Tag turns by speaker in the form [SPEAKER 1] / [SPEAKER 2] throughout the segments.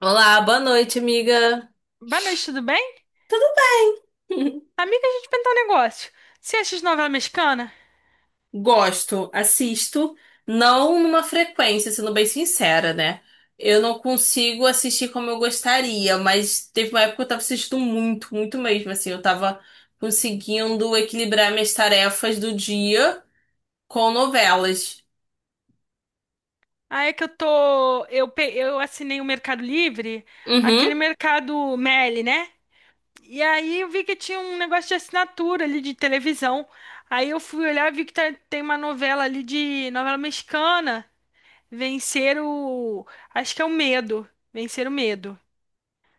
[SPEAKER 1] Olá, boa noite, amiga.
[SPEAKER 2] Boa noite, tudo bem? Amiga, deixa eu te perguntar um negócio. Você assiste novela mexicana?
[SPEAKER 1] Gosto, assisto, não numa frequência, sendo bem sincera, né? Eu não consigo assistir como eu gostaria, mas teve uma época que eu tava assistindo muito, muito mesmo, assim, eu tava conseguindo equilibrar minhas tarefas do dia com novelas.
[SPEAKER 2] Aí é que eu tô. Eu assinei o Mercado Livre,
[SPEAKER 1] Uhum.
[SPEAKER 2] aquele Mercado Meli, né? E aí eu vi que tinha um negócio de assinatura ali de televisão. Aí eu fui olhar e vi que tem uma novela ali de novela mexicana. Vencer o. Acho que é o Medo. Vencer o Medo.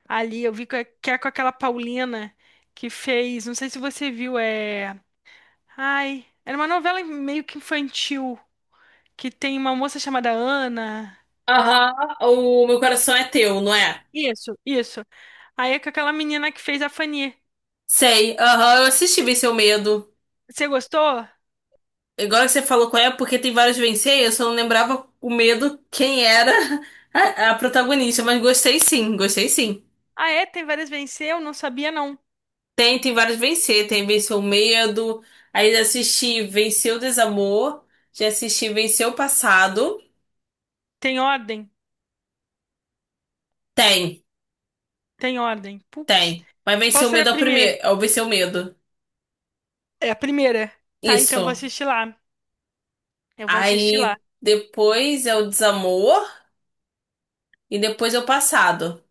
[SPEAKER 2] Ali eu vi que é com aquela Paulina que fez. Não sei se você viu, é. Ai, era uma novela meio que infantil, que tem uma moça chamada Ana.
[SPEAKER 1] Aham, o meu coração é teu, não é?
[SPEAKER 2] Isso, isso. Aí é com aquela menina que fez a Fanny.
[SPEAKER 1] Sei, aham, eu assisti Vencer o Medo.
[SPEAKER 2] Você gostou?
[SPEAKER 1] Agora que você falou qual é, porque tem vários vencer, eu só não lembrava o medo quem era, a protagonista, mas gostei sim, gostei sim.
[SPEAKER 2] Ah, é? Tem várias venceu? Não sabia, não.
[SPEAKER 1] Tem, tem vários vencer, tem Venceu o Medo, aí já assisti Venceu o Desamor, já assisti Venceu o Passado.
[SPEAKER 2] Tem ordem?
[SPEAKER 1] Tem,
[SPEAKER 2] Tem ordem. Putz.
[SPEAKER 1] tem. Mas
[SPEAKER 2] Qual
[SPEAKER 1] Venceu o
[SPEAKER 2] será a
[SPEAKER 1] Medo é o
[SPEAKER 2] primeira?
[SPEAKER 1] primeiro, é o Venceu o Medo.
[SPEAKER 2] É a primeira. Tá, então eu vou
[SPEAKER 1] Isso.
[SPEAKER 2] assistir lá. Eu vou assistir lá.
[SPEAKER 1] Aí depois é o Desamor e depois é o Passado.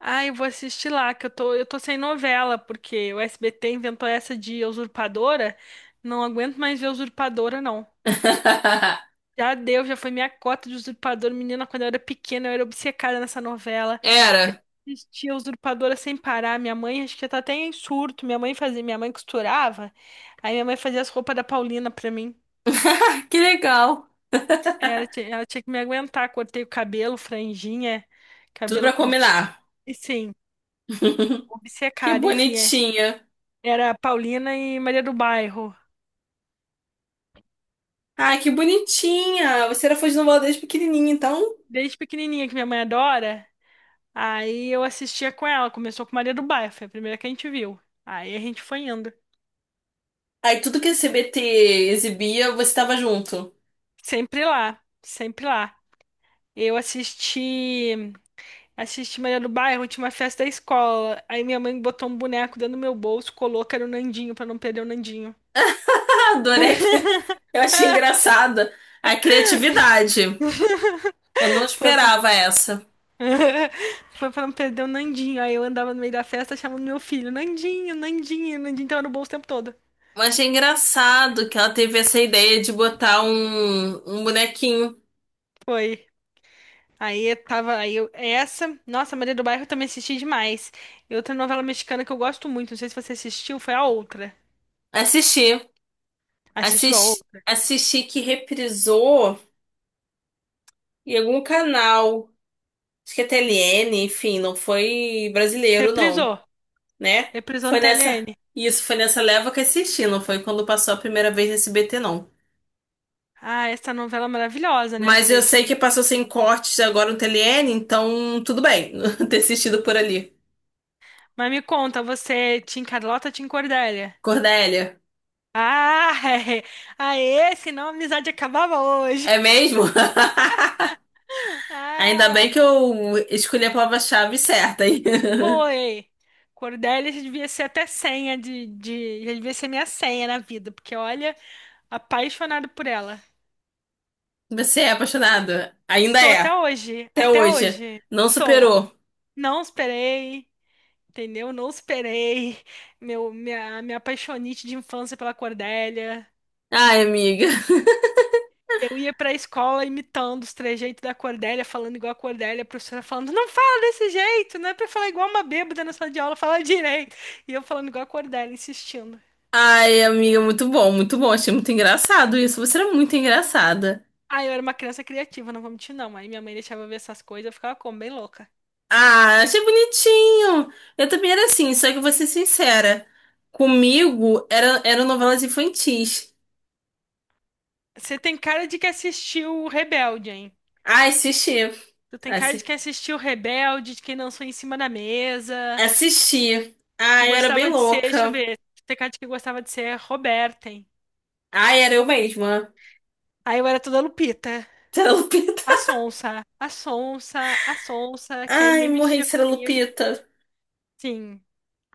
[SPEAKER 2] Ah, eu vou assistir lá, que eu tô sem novela, porque o SBT inventou essa de usurpadora. Não aguento mais ver usurpadora, não. Já deu, já foi minha cota de usurpador. Menina, quando eu era pequena, eu era obcecada nessa novela.
[SPEAKER 1] Era.
[SPEAKER 2] Assistia a usurpadora sem parar. Minha mãe, acho que já tá até em surto. Minha mãe fazia, minha mãe costurava. Aí minha mãe fazia as roupas da Paulina pra mim.
[SPEAKER 1] Ah, que legal.
[SPEAKER 2] Ela tinha que me aguentar. Cortei o cabelo, franjinha,
[SPEAKER 1] Tudo
[SPEAKER 2] cabelo
[SPEAKER 1] pra
[SPEAKER 2] curtinho.
[SPEAKER 1] combinar.
[SPEAKER 2] E sim,
[SPEAKER 1] Que
[SPEAKER 2] obcecada, enfim, é.
[SPEAKER 1] bonitinha.
[SPEAKER 2] Era a Paulina e Maria do Bairro.
[SPEAKER 1] Ai, que bonitinha! Você era fã de novela desde pequenininha, então.
[SPEAKER 2] Desde pequenininha, que minha mãe adora, aí eu assistia com ela. Começou com Maria do Bairro, foi a primeira que a gente viu. Aí a gente foi indo.
[SPEAKER 1] Aí tudo que a CBT exibia, você tava junto.
[SPEAKER 2] Sempre lá, sempre lá. Eu assisti Maria do Bairro, tinha uma festa da escola. Aí minha mãe botou um boneco dentro do meu bolso, colou que era o Nandinho pra não perder o Nandinho.
[SPEAKER 1] Ah, adorei. Eu achei engraçada a criatividade. Eu não
[SPEAKER 2] Foi pra...
[SPEAKER 1] esperava essa.
[SPEAKER 2] Foi pra não perder o Nandinho. Aí eu andava no meio da festa chamando meu filho, Nandinho, Nandinho, o Nandinho tava no bolso o tempo todo.
[SPEAKER 1] Mas achei engraçado que ela teve essa ideia de botar um bonequinho.
[SPEAKER 2] Foi. Aí eu tava, aí eu, essa, nossa, Maria do Bairro eu também assisti demais. E outra novela mexicana que eu gosto muito, não sei se você assistiu, foi a outra.
[SPEAKER 1] Assisti.
[SPEAKER 2] Assistiu a
[SPEAKER 1] Assisti,
[SPEAKER 2] outra?
[SPEAKER 1] assisti que reprisou em algum canal. Acho que é TLN, enfim, não foi brasileiro, não,
[SPEAKER 2] Reprisou.
[SPEAKER 1] né?
[SPEAKER 2] Reprisou no
[SPEAKER 1] Foi nessa.
[SPEAKER 2] TLN.
[SPEAKER 1] Isso, foi nessa leva que assisti, não foi quando passou a primeira vez nesse BT não.
[SPEAKER 2] Ah, essa novela é maravilhosa, né?
[SPEAKER 1] Mas eu sei que passou sem cortes agora no TLN, então tudo bem ter assistido por ali.
[SPEAKER 2] Mas me conta, você Tim Carlota, Tim Cordélia?
[SPEAKER 1] Cordélia,
[SPEAKER 2] Ah, é. Aê, senão a amizade acabava hoje.
[SPEAKER 1] é mesmo? Ainda bem que
[SPEAKER 2] Ah,
[SPEAKER 1] eu escolhi a palavra-chave certa aí.
[SPEAKER 2] foi. Cordélia já devia ser até senha de. Já devia ser minha senha na vida, porque olha, apaixonado por ela.
[SPEAKER 1] Você é apaixonado? Ainda
[SPEAKER 2] Sou até
[SPEAKER 1] é.
[SPEAKER 2] hoje,
[SPEAKER 1] Até
[SPEAKER 2] até
[SPEAKER 1] hoje.
[SPEAKER 2] hoje.
[SPEAKER 1] Não
[SPEAKER 2] Sou.
[SPEAKER 1] superou.
[SPEAKER 2] Não esperei, entendeu? Não esperei. Minha apaixonite de infância pela Cordélia.
[SPEAKER 1] Ai, amiga.
[SPEAKER 2] Eu ia pra escola imitando os trejeitos da Cordélia, falando igual a Cordélia, a professora falando, não fala desse jeito, não é pra falar igual uma bêbada na sala de aula, fala direito. E eu falando igual a Cordélia, insistindo.
[SPEAKER 1] Ai, amiga, muito bom, muito bom. Achei muito engraçado isso. Você era muito engraçada.
[SPEAKER 2] Ah, eu era uma criança criativa, não vou mentir não. Aí minha mãe deixava eu ver essas coisas, eu ficava como, bem louca.
[SPEAKER 1] Ah, achei bonitinho. Eu também era assim, só que eu vou ser sincera. Comigo era, eram novelas infantis.
[SPEAKER 2] Você tem cara de que assistiu o Rebelde, hein?
[SPEAKER 1] Ah, assisti.
[SPEAKER 2] Tu tem cara de
[SPEAKER 1] Assi-
[SPEAKER 2] que assistiu o Rebelde, de quem dançou em cima da mesa,
[SPEAKER 1] Assisti. Ah,
[SPEAKER 2] que
[SPEAKER 1] eu era bem
[SPEAKER 2] gostava de ser, deixa eu
[SPEAKER 1] louca.
[SPEAKER 2] ver, tu tem cara de que gostava de ser Roberta, hein?
[SPEAKER 1] Ah, era eu mesma.
[SPEAKER 2] Aí eu era toda Lupita.
[SPEAKER 1] Era Lupita.
[SPEAKER 2] A sonsa, a sonsa, a sonsa, que aí
[SPEAKER 1] Ai,
[SPEAKER 2] ninguém
[SPEAKER 1] morri,
[SPEAKER 2] mexia
[SPEAKER 1] será
[SPEAKER 2] comigo.
[SPEAKER 1] Lupita.
[SPEAKER 2] Sim,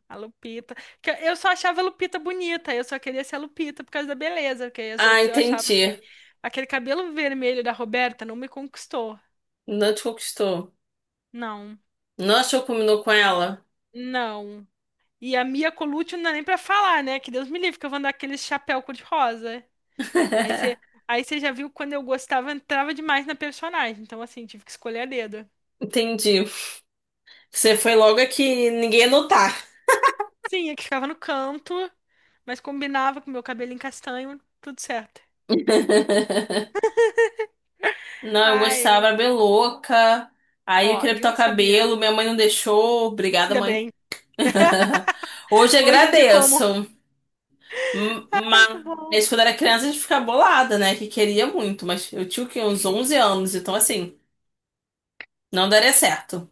[SPEAKER 2] a Lupita. Que eu só achava a Lupita bonita, eu só queria ser a Lupita por causa da beleza, porque as
[SPEAKER 1] Ah,
[SPEAKER 2] outras eu achava que
[SPEAKER 1] entendi.
[SPEAKER 2] aquele cabelo vermelho da Roberta não me conquistou.
[SPEAKER 1] Não te conquistou.
[SPEAKER 2] Não,
[SPEAKER 1] Não achou que combinou com ela?
[SPEAKER 2] não. E a Mia Colucci não dá nem pra falar, né? Que Deus me livre, que eu vou andar com aquele chapéu cor-de-rosa. Aí você aí você já viu quando eu gostava, entrava demais na personagem. Então, assim, tive que escolher a dedo.
[SPEAKER 1] Entendi. Você foi logo aqui, ninguém ia notar.
[SPEAKER 2] Sim, é que ficava no canto, mas combinava com meu cabelo em castanho, tudo certo.
[SPEAKER 1] Não, eu
[SPEAKER 2] Ai,
[SPEAKER 1] gostava,
[SPEAKER 2] eu.
[SPEAKER 1] era bem louca. Aí eu
[SPEAKER 2] Ó,
[SPEAKER 1] queria pintar
[SPEAKER 2] viu?
[SPEAKER 1] o
[SPEAKER 2] Sabia.
[SPEAKER 1] cabelo, minha mãe não deixou. Obrigada,
[SPEAKER 2] Ainda
[SPEAKER 1] mãe.
[SPEAKER 2] bem.
[SPEAKER 1] Hoje
[SPEAKER 2] Hoje em dia,
[SPEAKER 1] agradeço.
[SPEAKER 2] como? Ai, muito bom.
[SPEAKER 1] Mas quando era criança a gente ficava bolada, né? Que queria muito, mas eu tinha o quê? Uns 11
[SPEAKER 2] Fica.
[SPEAKER 1] anos, então assim, não daria certo.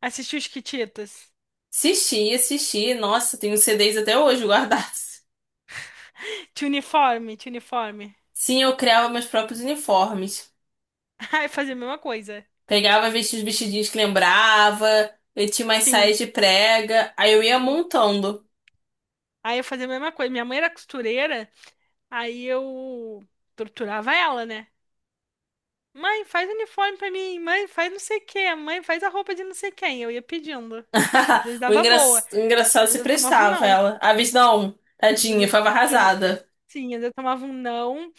[SPEAKER 2] Assistiu os Kititas.
[SPEAKER 1] Assisti, assisti. Nossa, tenho CDs até hoje guardados.
[SPEAKER 2] Tinha uniforme, tinha uniforme.
[SPEAKER 1] Sim, eu criava meus próprios uniformes.
[SPEAKER 2] Ai, fazia a mesma coisa.
[SPEAKER 1] Pegava, vestia os vestidinhos que lembrava, eu tinha umas
[SPEAKER 2] Sim,
[SPEAKER 1] saias de prega, aí eu ia
[SPEAKER 2] sim.
[SPEAKER 1] montando.
[SPEAKER 2] Aí eu fazia a mesma coisa. Minha mãe era costureira, aí eu torturava ela, né? Mãe, faz uniforme pra mim. Mãe, faz não sei o quê. Mãe, faz a roupa de não sei quem. Eu ia pedindo. Às vezes
[SPEAKER 1] O
[SPEAKER 2] dava
[SPEAKER 1] engra-
[SPEAKER 2] boa.
[SPEAKER 1] o engraçado
[SPEAKER 2] Às
[SPEAKER 1] se
[SPEAKER 2] vezes eu tomava um
[SPEAKER 1] prestava
[SPEAKER 2] não.
[SPEAKER 1] ela. A Viz não,
[SPEAKER 2] Às
[SPEAKER 1] tadinha,
[SPEAKER 2] vezes,
[SPEAKER 1] foi
[SPEAKER 2] às-
[SPEAKER 1] arrasada.
[SPEAKER 2] sim, às vezes eu tomava um não.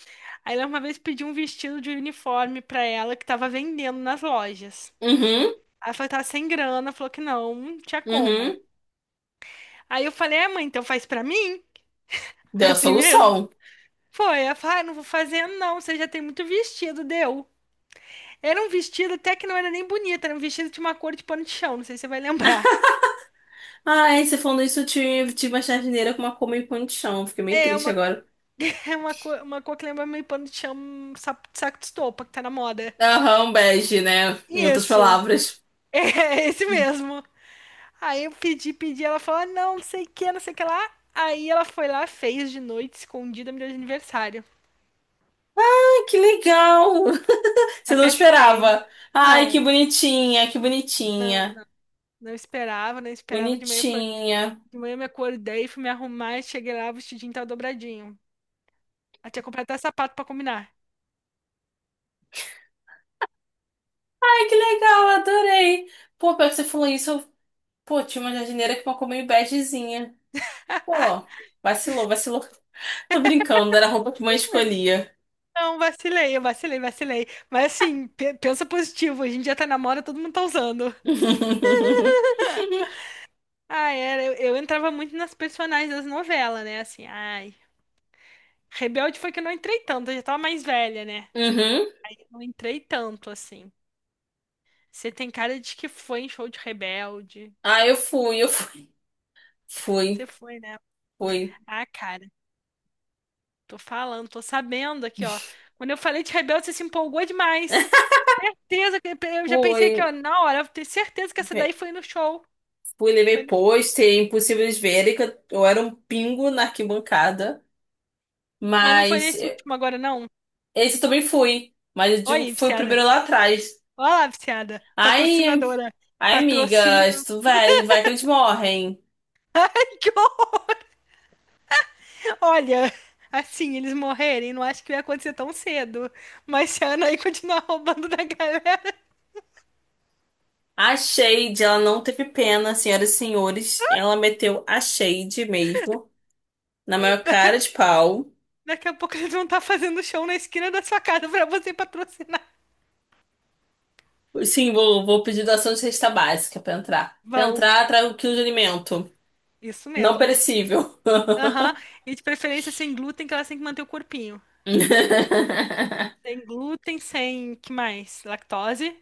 [SPEAKER 2] Aí ela uma vez pediu um vestido de uniforme pra ela que tava vendendo nas lojas.
[SPEAKER 1] Uhum,
[SPEAKER 2] Aí ela falou que tava sem grana. Falou que não, não tinha como.
[SPEAKER 1] uhum.
[SPEAKER 2] Aí eu falei, é, mãe, então faz pra mim?
[SPEAKER 1] Deu a
[SPEAKER 2] Assim mesmo.
[SPEAKER 1] solução.
[SPEAKER 2] Foi, ela falou, ah, não vou fazer não, você já tem muito vestido, deu. Era um vestido até que não era nem bonito, era um vestido de uma cor de pano de chão, não sei se você vai lembrar.
[SPEAKER 1] Ai, você falando isso, eu tive, tive uma jardineira com uma coma em pão de chão. Fiquei meio
[SPEAKER 2] É
[SPEAKER 1] triste
[SPEAKER 2] uma,
[SPEAKER 1] agora.
[SPEAKER 2] uma cor que lembra meio pano de chão, um sapo de saco de estopa, que tá na moda.
[SPEAKER 1] Aham, um bege, né? Em outras
[SPEAKER 2] Isso.
[SPEAKER 1] palavras.
[SPEAKER 2] É esse mesmo. Aí eu pedi, ela falou, "Ah, não, não sei o que, não sei o que lá. Aí ela foi lá, fez de noite, escondida, me deu de aniversário.
[SPEAKER 1] Ai, que legal! Você não
[SPEAKER 2] Até chorei.
[SPEAKER 1] esperava. Ai,
[SPEAKER 2] Não,
[SPEAKER 1] que bonitinha, que
[SPEAKER 2] não,
[SPEAKER 1] bonitinha.
[SPEAKER 2] não. Não esperava, não esperava. De manhã, foi,
[SPEAKER 1] Bonitinha.
[SPEAKER 2] de manhã eu me acordei, fui me arrumar, cheguei lá, o vestidinho tava dobradinho. Eu tinha comprado até sapato pra combinar.
[SPEAKER 1] Ai, que legal, adorei. Pô, pior que você falou isso, eu... Pô, tinha uma jardineira com uma coma meio begezinha. Pô, vacilou, vacilou. Tô brincando, era a roupa que mãe escolhia.
[SPEAKER 2] Não, vacilei, eu vacilei, vacilei. Mas assim, pensa positivo, a gente já tá na moda, todo mundo tá usando. Ah era, eu entrava muito nas personagens das novelas, né? Assim, ai. Rebelde foi que eu não entrei tanto, eu já tava mais velha, né?
[SPEAKER 1] Uhum.
[SPEAKER 2] Aí eu não entrei tanto, assim. Você tem cara de que foi em show de Rebelde.
[SPEAKER 1] Ah, eu fui, eu fui.
[SPEAKER 2] Você
[SPEAKER 1] Fui,
[SPEAKER 2] foi, né?
[SPEAKER 1] fui.
[SPEAKER 2] Ah, cara, tô falando, tô sabendo aqui, ó. Quando eu falei de Rebelde, você se empolgou demais. Certeza que eu já
[SPEAKER 1] Fui,
[SPEAKER 2] pensei aqui, ó, na hora, eu tenho certeza que essa daí
[SPEAKER 1] Fe-
[SPEAKER 2] foi no show.
[SPEAKER 1] fui,
[SPEAKER 2] Foi
[SPEAKER 1] levei
[SPEAKER 2] no show.
[SPEAKER 1] pôster, impossível de verem que eu era um pingo na arquibancada.
[SPEAKER 2] Mas não foi
[SPEAKER 1] Mas
[SPEAKER 2] nesse
[SPEAKER 1] eh,
[SPEAKER 2] último agora, não.
[SPEAKER 1] esse eu também fui. Mas eu
[SPEAKER 2] Olha
[SPEAKER 1] digo que
[SPEAKER 2] aí,
[SPEAKER 1] foi o
[SPEAKER 2] viciada.
[SPEAKER 1] primeiro lá atrás.
[SPEAKER 2] Olha lá, viciada.
[SPEAKER 1] Ai, em-
[SPEAKER 2] Patrocinadora.
[SPEAKER 1] ai, amiga,
[SPEAKER 2] Patrocínio.
[SPEAKER 1] isso vai, vai que eles morrem.
[SPEAKER 2] Ai, que horror. Olha, assim, eles morrerem, não acho que vai acontecer tão cedo. Mas se a Anaí continuar roubando da galera,
[SPEAKER 1] A Shade, ela não teve pena, senhoras e senhores. Ela meteu a Shade mesmo. Na maior cara de pau.
[SPEAKER 2] daqui a pouco eles vão estar fazendo show na esquina da sua casa pra você patrocinar.
[SPEAKER 1] Sim, vou, vou pedir doação de cesta básica pra entrar. Pra
[SPEAKER 2] Vão,
[SPEAKER 1] entrar, trago um quilo de alimento.
[SPEAKER 2] isso
[SPEAKER 1] Não
[SPEAKER 2] mesmo.
[SPEAKER 1] perecível.
[SPEAKER 2] Aham, e de preferência sem glúten, que elas têm que manter o corpinho. Sem glúten, sem, que mais? Lactose?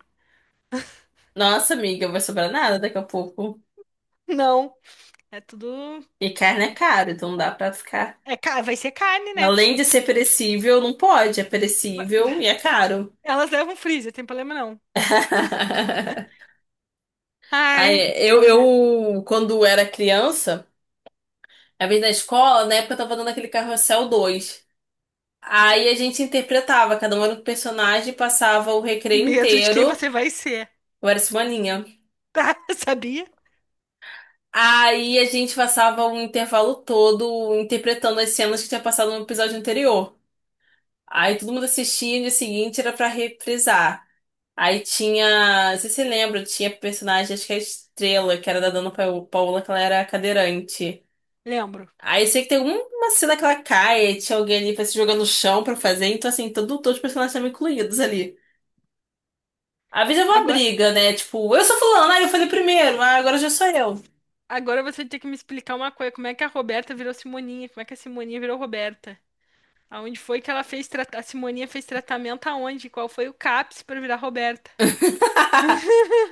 [SPEAKER 1] Nossa, amiga, vai sobrar nada daqui a pouco.
[SPEAKER 2] Não, é tudo...
[SPEAKER 1] E carne é caro, então não dá pra ficar.
[SPEAKER 2] É, vai ser carne, né?
[SPEAKER 1] Além de ser perecível, não pode. É perecível e é caro.
[SPEAKER 2] Elas levam freezer, tem problema não.
[SPEAKER 1] Aí,
[SPEAKER 2] Ai,
[SPEAKER 1] eu,
[SPEAKER 2] olha,
[SPEAKER 1] eu, quando era criança, a vez na escola, na época eu tava dando aquele carrossel 2. Aí a gente interpretava, cada um era um personagem, passava o recreio
[SPEAKER 2] medo de quem
[SPEAKER 1] inteiro.
[SPEAKER 2] você vai ser,
[SPEAKER 1] Eu era semaninha.
[SPEAKER 2] tá? Sabia?
[SPEAKER 1] Aí a gente passava um intervalo todo interpretando as cenas que tinha passado no episódio anterior. Aí todo mundo assistia e no dia seguinte era pra reprisar. Aí tinha, não sei se você lembra, tinha personagem, acho que é a Estrela, que era da Paola, que ela era cadeirante.
[SPEAKER 2] Lembro.
[SPEAKER 1] Aí eu sei que tem um, uma cena que ela cai, aí tinha alguém ali pra se jogar no chão pra fazer, então assim, todo, todos os personagens estavam incluídos ali. Às vezes é uma
[SPEAKER 2] Agora,
[SPEAKER 1] briga, né? Tipo, eu sou fulano, aí eu falei primeiro, ah, agora já sou eu.
[SPEAKER 2] agora você tem que me explicar uma coisa, como é que a Roberta virou Simoninha? Como é que a Simoninha virou Roberta? Aonde foi que ela fez tratamento? A Simoninha fez tratamento aonde? Qual foi o CAPS pra virar Roberta?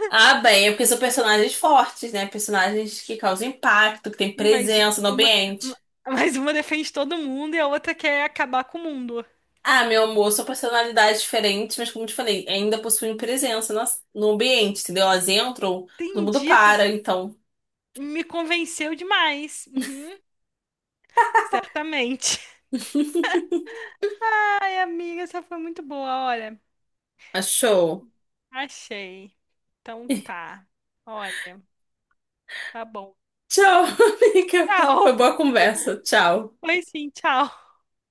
[SPEAKER 1] Ah, bem, é porque são personagens fortes, né? Personagens que causam impacto, que têm
[SPEAKER 2] Sim,
[SPEAKER 1] presença no
[SPEAKER 2] ma-
[SPEAKER 1] ambiente.
[SPEAKER 2] mas uma defende todo mundo e a outra quer acabar com o mundo.
[SPEAKER 1] Ah, meu amor, são personalidades diferentes, mas como eu te falei, ainda possuem presença no ambiente, entendeu? Elas entram, todo mundo
[SPEAKER 2] Entendi, tu
[SPEAKER 1] para, então.
[SPEAKER 2] me convenceu demais. Uhum, certamente. Ai, amiga, essa foi muito boa, olha.
[SPEAKER 1] Achou.
[SPEAKER 2] Achei. Então tá. Olha, tá bom.
[SPEAKER 1] Tchau, amiga.
[SPEAKER 2] Tchau.
[SPEAKER 1] Foi boa conversa. Tchau.
[SPEAKER 2] Foi sim, tchau.